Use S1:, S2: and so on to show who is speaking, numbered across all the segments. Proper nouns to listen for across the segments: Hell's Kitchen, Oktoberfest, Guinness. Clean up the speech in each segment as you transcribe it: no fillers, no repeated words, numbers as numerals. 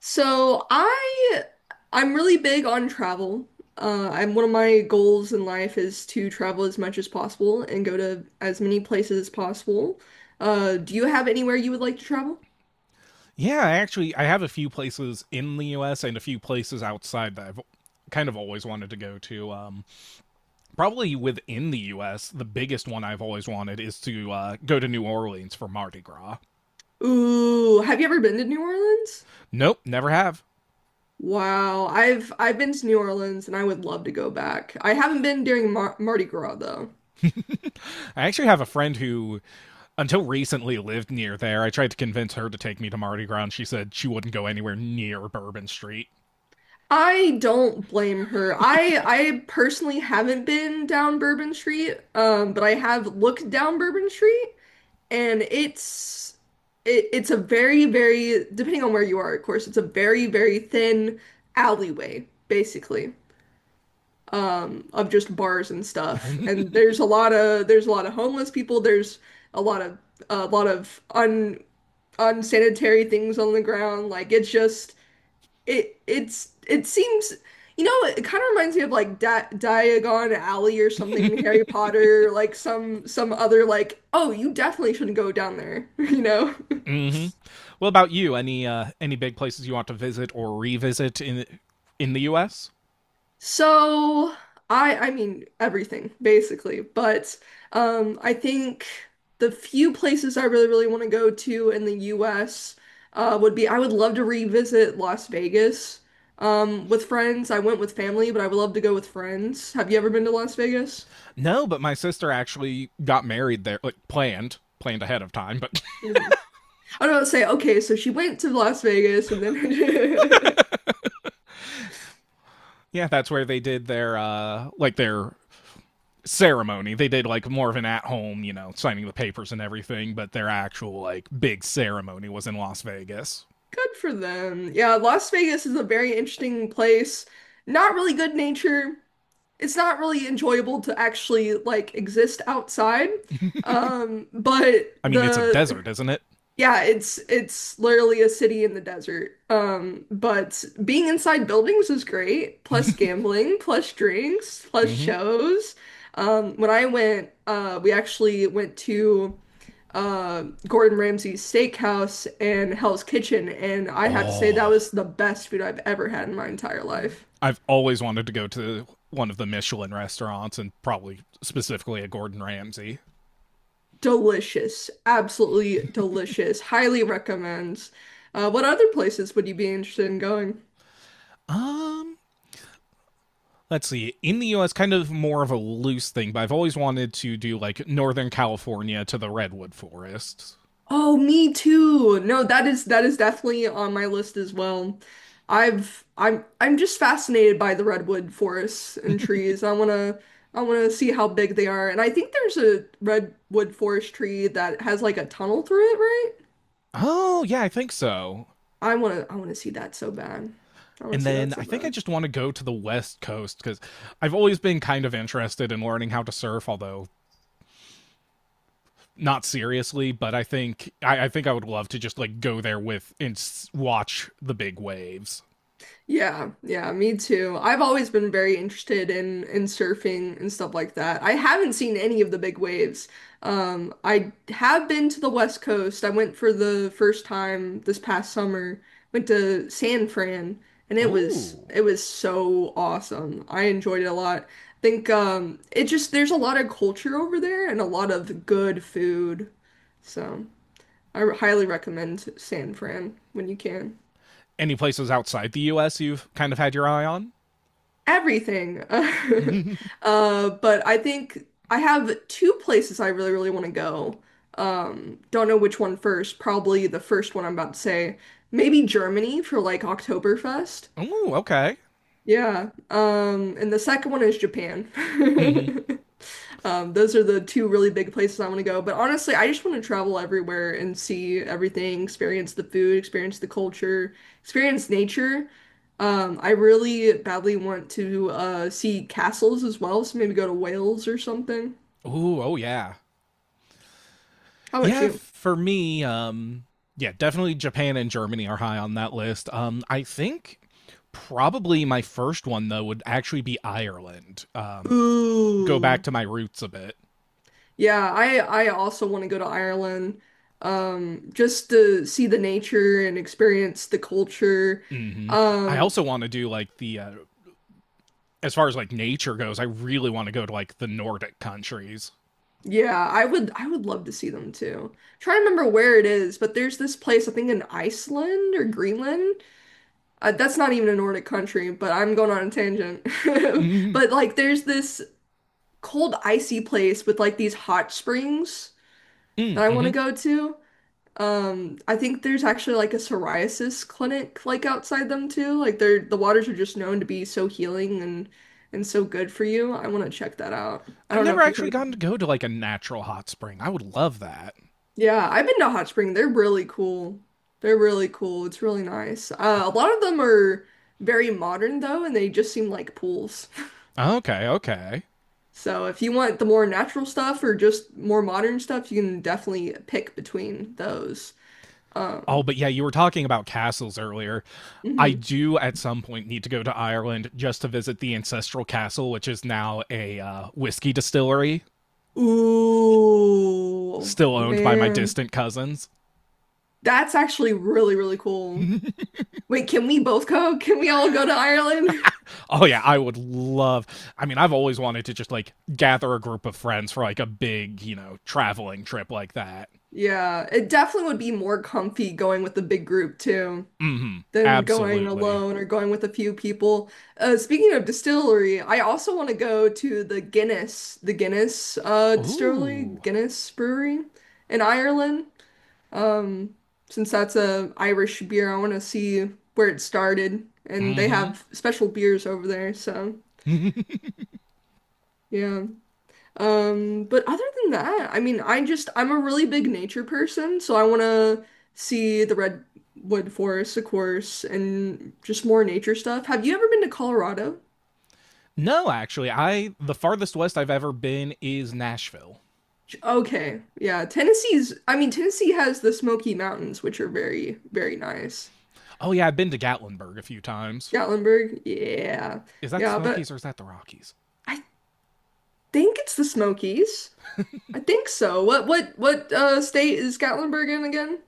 S1: So I'm really big on travel. I'm one of my goals in life is to travel as much as possible and go to as many places as possible. Do you have anywhere you would like to travel?
S2: Yeah, actually I have a few places in the US and a few places outside that I've kind of always wanted to go to. Probably within the US, the biggest one I've always wanted is to go to New Orleans for Mardi Gras.
S1: Ooh, have you ever been to New Orleans?
S2: Nope, never have.
S1: Wow, I've been to New Orleans and I would love to go back. I haven't been during Mardi Gras though.
S2: I actually have a friend who, until recently, lived near there. I tried to convince her to take me to Mardi Gras, and she said she wouldn't go anywhere near Bourbon Street.
S1: I don't blame her. I personally haven't been down Bourbon Street, but I have looked down Bourbon Street. And it's it's a very, very, depending on where you are, of course, it's a very, very thin alleyway, basically, of just bars and stuff. And there's a lot of homeless people. There's a lot of a lot of un unsanitary things on the ground. Like it seems, it kind of reminds me of like Di Diagon Alley or something, Harry Potter, like some other like, oh, you definitely shouldn't go down there, you know?
S2: hmm What about you? Any big places you want to visit or revisit in the U.S.?
S1: So I mean everything basically, but I think the few places I really really want to go to in the US would be, I would love to revisit Las Vegas with friends. I went with family, but I would love to go with friends. Have you ever been to Las Vegas?
S2: No, but my sister actually got married there, like planned ahead of time. But
S1: Mhm. I don't say okay, so she went to Las Vegas and then
S2: yeah, that's where they did their their ceremony. They did like more of an at home, you know, signing the papers and everything, but their actual like big ceremony was in Las Vegas.
S1: good for them. Yeah, Las Vegas is a very interesting place. Not really good nature. It's not really enjoyable to actually like exist outside. But
S2: I mean, it's a
S1: the
S2: desert, isn't it?
S1: Yeah, it's literally a city in the desert. But being inside buildings is great, plus gambling, plus drinks, plus
S2: Mhm.
S1: shows. When I went, we actually went to uh, Gordon Ramsay's Steakhouse and Hell's Kitchen, and I have to say that
S2: Oh,
S1: was the best food I've ever had in my entire life.
S2: I've always wanted to go to one of the Michelin restaurants and probably specifically a Gordon Ramsay.
S1: Delicious. Absolutely delicious. Highly recommends. What other places would you be interested in going?
S2: Um, let's see, in the US, kind of more of a loose thing, but I've always wanted to do like northern California to the redwood forests.
S1: Oh, me too. No, that is definitely on my list as well. I'm just fascinated by the redwood forests and trees. I wanna see how big they are. And I think there's a redwood forest tree that has like a tunnel through it, right?
S2: Oh yeah, I think so.
S1: I wanna see that so bad. I wanna
S2: And
S1: see that
S2: then
S1: so
S2: I think I
S1: bad.
S2: just want to go to the west coast because I've always been kind of interested in learning how to surf, although not seriously. But I think I would love to just like go there with watch the big waves.
S1: Yeah, yeah, me too. I've always been very interested in surfing and stuff like that. I haven't seen any of the big waves. I have been to the West Coast. I went for the first time this past summer. Went to San Fran, and
S2: Ooh.
S1: it was so awesome. I enjoyed it a lot. I think, it just there's a lot of culture over there and a lot of good food. So I highly recommend San Fran when you can.
S2: Any places outside the US you've kind of had your eye on?
S1: Everything.
S2: Ooh,
S1: But I think I have two places I really, really want to go. Don't know which one first. Probably the first one I'm about to say. Maybe Germany for like Oktoberfest.
S2: okay.
S1: Yeah. And the second one is Japan.
S2: Mm-hmm.
S1: Those are the two really big places I want to go. But honestly, I just want to travel everywhere and see everything, experience the food, experience the culture, experience nature. I really badly want to see castles as well, so maybe go to Wales or something.
S2: Ooh, oh yeah.
S1: How about
S2: Yeah,
S1: you?
S2: for me, yeah, definitely Japan and Germany are high on that list. I think probably my first one though would actually be Ireland. Go back
S1: Ooh.
S2: to my roots a bit.
S1: Yeah, I also want to go to Ireland, just to see the nature and experience the culture.
S2: Hmm. I
S1: Um,
S2: also want to do like the as far as like nature goes. I really want to go to like the Nordic countries.
S1: Yeah, I would love to see them too. Trying to remember where it is, but there's this place I think in Iceland or Greenland. That's not even a Nordic country, but I'm going on a tangent.
S2: Mm-hmm.
S1: But like there's this cold icy place with like these hot springs that I want
S2: Mm-hmm.
S1: to go to. I think there's actually like a psoriasis clinic like outside them too. Like they're, the waters are just known to be so healing and so good for you. I want to check that out. I
S2: I've
S1: don't know
S2: never
S1: if you
S2: actually
S1: heard.
S2: gotten to go to like a natural hot spring. I would love that.
S1: Yeah, I've been to Hot Spring. They're really cool. They're really cool. It's really nice. A lot of them are very modern though, and they just seem like pools.
S2: Okay, okay.
S1: So if you want the more natural stuff or just more modern stuff, you can definitely pick between those.
S2: Oh,
S1: Um,
S2: but yeah, you were talking about castles earlier. I
S1: mhm.
S2: do at some point need to go to Ireland just to visit the ancestral castle, which is now a whiskey distillery,
S1: Ooh,
S2: still owned by my
S1: man.
S2: distant cousins.
S1: That's actually really, really cool. Wait, can we both go? Can we all go to Ireland?
S2: Oh yeah, I would love. I mean, I've always wanted to just like gather a group of friends for like a big, you know, traveling trip like that.
S1: Yeah, it definitely would be more comfy going with the big group too.
S2: Mm-hmm.
S1: Than going
S2: Absolutely.
S1: alone or going with a few people. Speaking of distillery, I also want to go to the Guinness, the Guinness, distillery,
S2: Ooh.
S1: Guinness Brewery in Ireland. Um, since that's a Irish beer, I want to see where it started, and they
S2: Mm-hmm.
S1: have special beers over there. So yeah. But other than that, I mean, I'm a really big nature person, so I want to see the redwood forest, of course, and just more nature stuff. Have you ever been to Colorado?
S2: No, actually, I the farthest west I've ever been is Nashville.
S1: Okay, yeah, Tennessee's. I mean, Tennessee has the Smoky Mountains, which are very, very nice.
S2: Oh yeah, I've been to Gatlinburg a few times.
S1: Gatlinburg, yeah,
S2: Is that the
S1: yeah, but
S2: Smokies or is that the Rockies?
S1: I think it's the Smokies. I think so. What? State is Gatlinburg in again?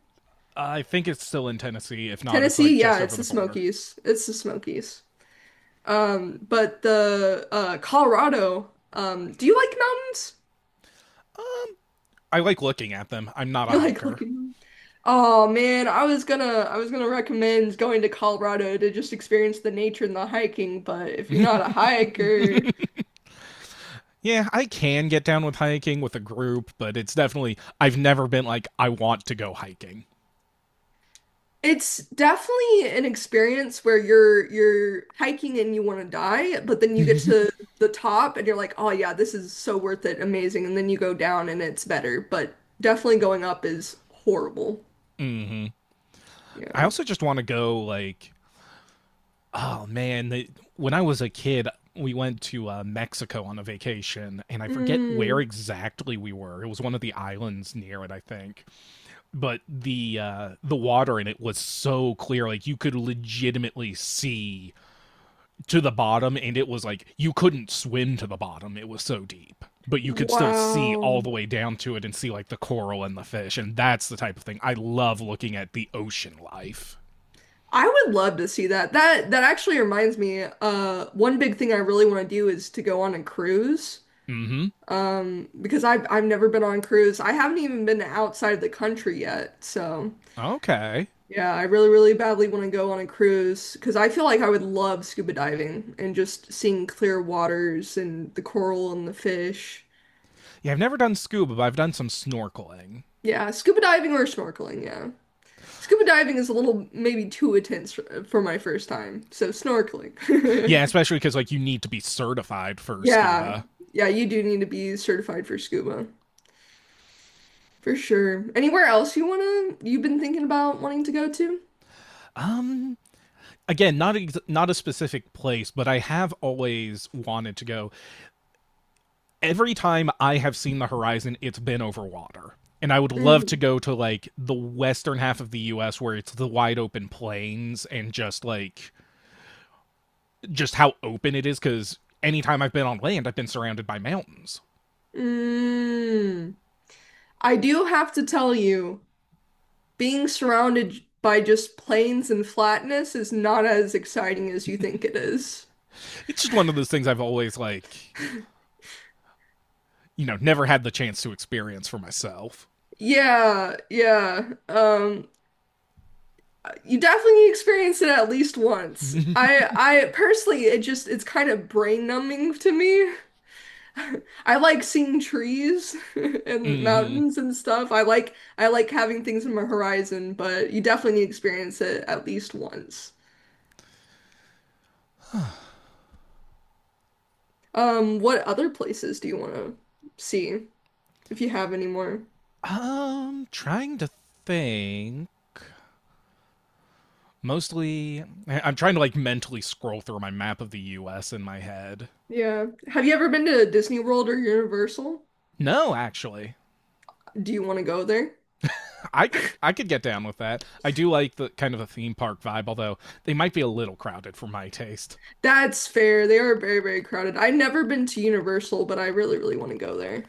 S2: I think it's still in Tennessee. If not, it's like
S1: Tennessee? Yeah,
S2: just
S1: it's
S2: over the
S1: the
S2: border.
S1: Smokies. It's the Smokies. But the Colorado, do you like mountains?
S2: I like looking at them. I'm not a
S1: You like
S2: hiker.
S1: looking? Oh man, I was gonna recommend going to Colorado to just experience the nature and the hiking, but if you're not a hiker,
S2: Yeah, I can get down with hiking with a group, but it's definitely, I've never been like, I want to go hiking.
S1: it's definitely an experience where you're hiking and you want to die, but then you get to the top and you're like, "Oh yeah, this is so worth it, amazing." And then you go down and it's better, but definitely going up is horrible.
S2: Hmm. I
S1: Yeah.
S2: also just want to go, like, oh man, the, when I was a kid, we went to Mexico on a vacation, and I forget where
S1: Mm.
S2: exactly we were. It was one of the islands near it, I think. But the water in it was so clear, like you could legitimately see to the bottom, and it was like you couldn't swim to the bottom, it was so deep, but you could still see
S1: Wow.
S2: all the way down to it and see like the coral and the fish. And that's the type of thing I love, looking at the ocean life.
S1: I would love to see that. That actually reminds me, one big thing I really want to do is to go on a cruise.
S2: Mm-hmm.
S1: Because I've never been on a cruise. I haven't even been outside of the country yet. So
S2: Okay.
S1: yeah, I really, really badly want to go on a cruise because I feel like I would love scuba diving and just seeing clear waters and the coral and the fish.
S2: Yeah, I've never done scuba, but I've done some snorkeling.
S1: Yeah, scuba diving or snorkeling, yeah. Scuba diving is a little maybe too intense for, my first time, so snorkeling.
S2: Yeah, especially because like you need to be certified for
S1: Yeah.
S2: scuba.
S1: Yeah, you do need to be certified for scuba. For sure. Anywhere else you wanna you've been thinking about wanting to go to?
S2: um again, not a specific place, but I have always wanted to go. Every time I have seen the horizon, it's been over water. And I would love to
S1: Mm.
S2: go to like the western half of the US where it's the wide open plains and just like just how open it is, cuz anytime I've been on land, I've been surrounded by mountains.
S1: Mm. I do have to tell you, being surrounded by just plains and flatness is not as exciting as you think it is.
S2: It's just one of those things I've always like, you know, never had the chance to experience for myself.
S1: Yeah, yeah. You definitely experience it at least once.
S2: Hmm.
S1: I personally, it's kind of brain numbing to me. I like seeing trees and mountains and stuff. I like having things in my horizon, but you definitely need to experience it at least once. What other places do you want to see if you have any more?
S2: Trying to think. Mostly, I'm trying to like mentally scroll through my map of the U.S. in my head.
S1: Yeah. Have you ever been to Disney World or Universal?
S2: No, actually,
S1: Do you want to go there?
S2: I could get down with that. I do like the kind of a theme park vibe, although they might be a little crowded for my taste.
S1: That's fair. They are very, very crowded. I've never been to Universal, but I really, really want to go there.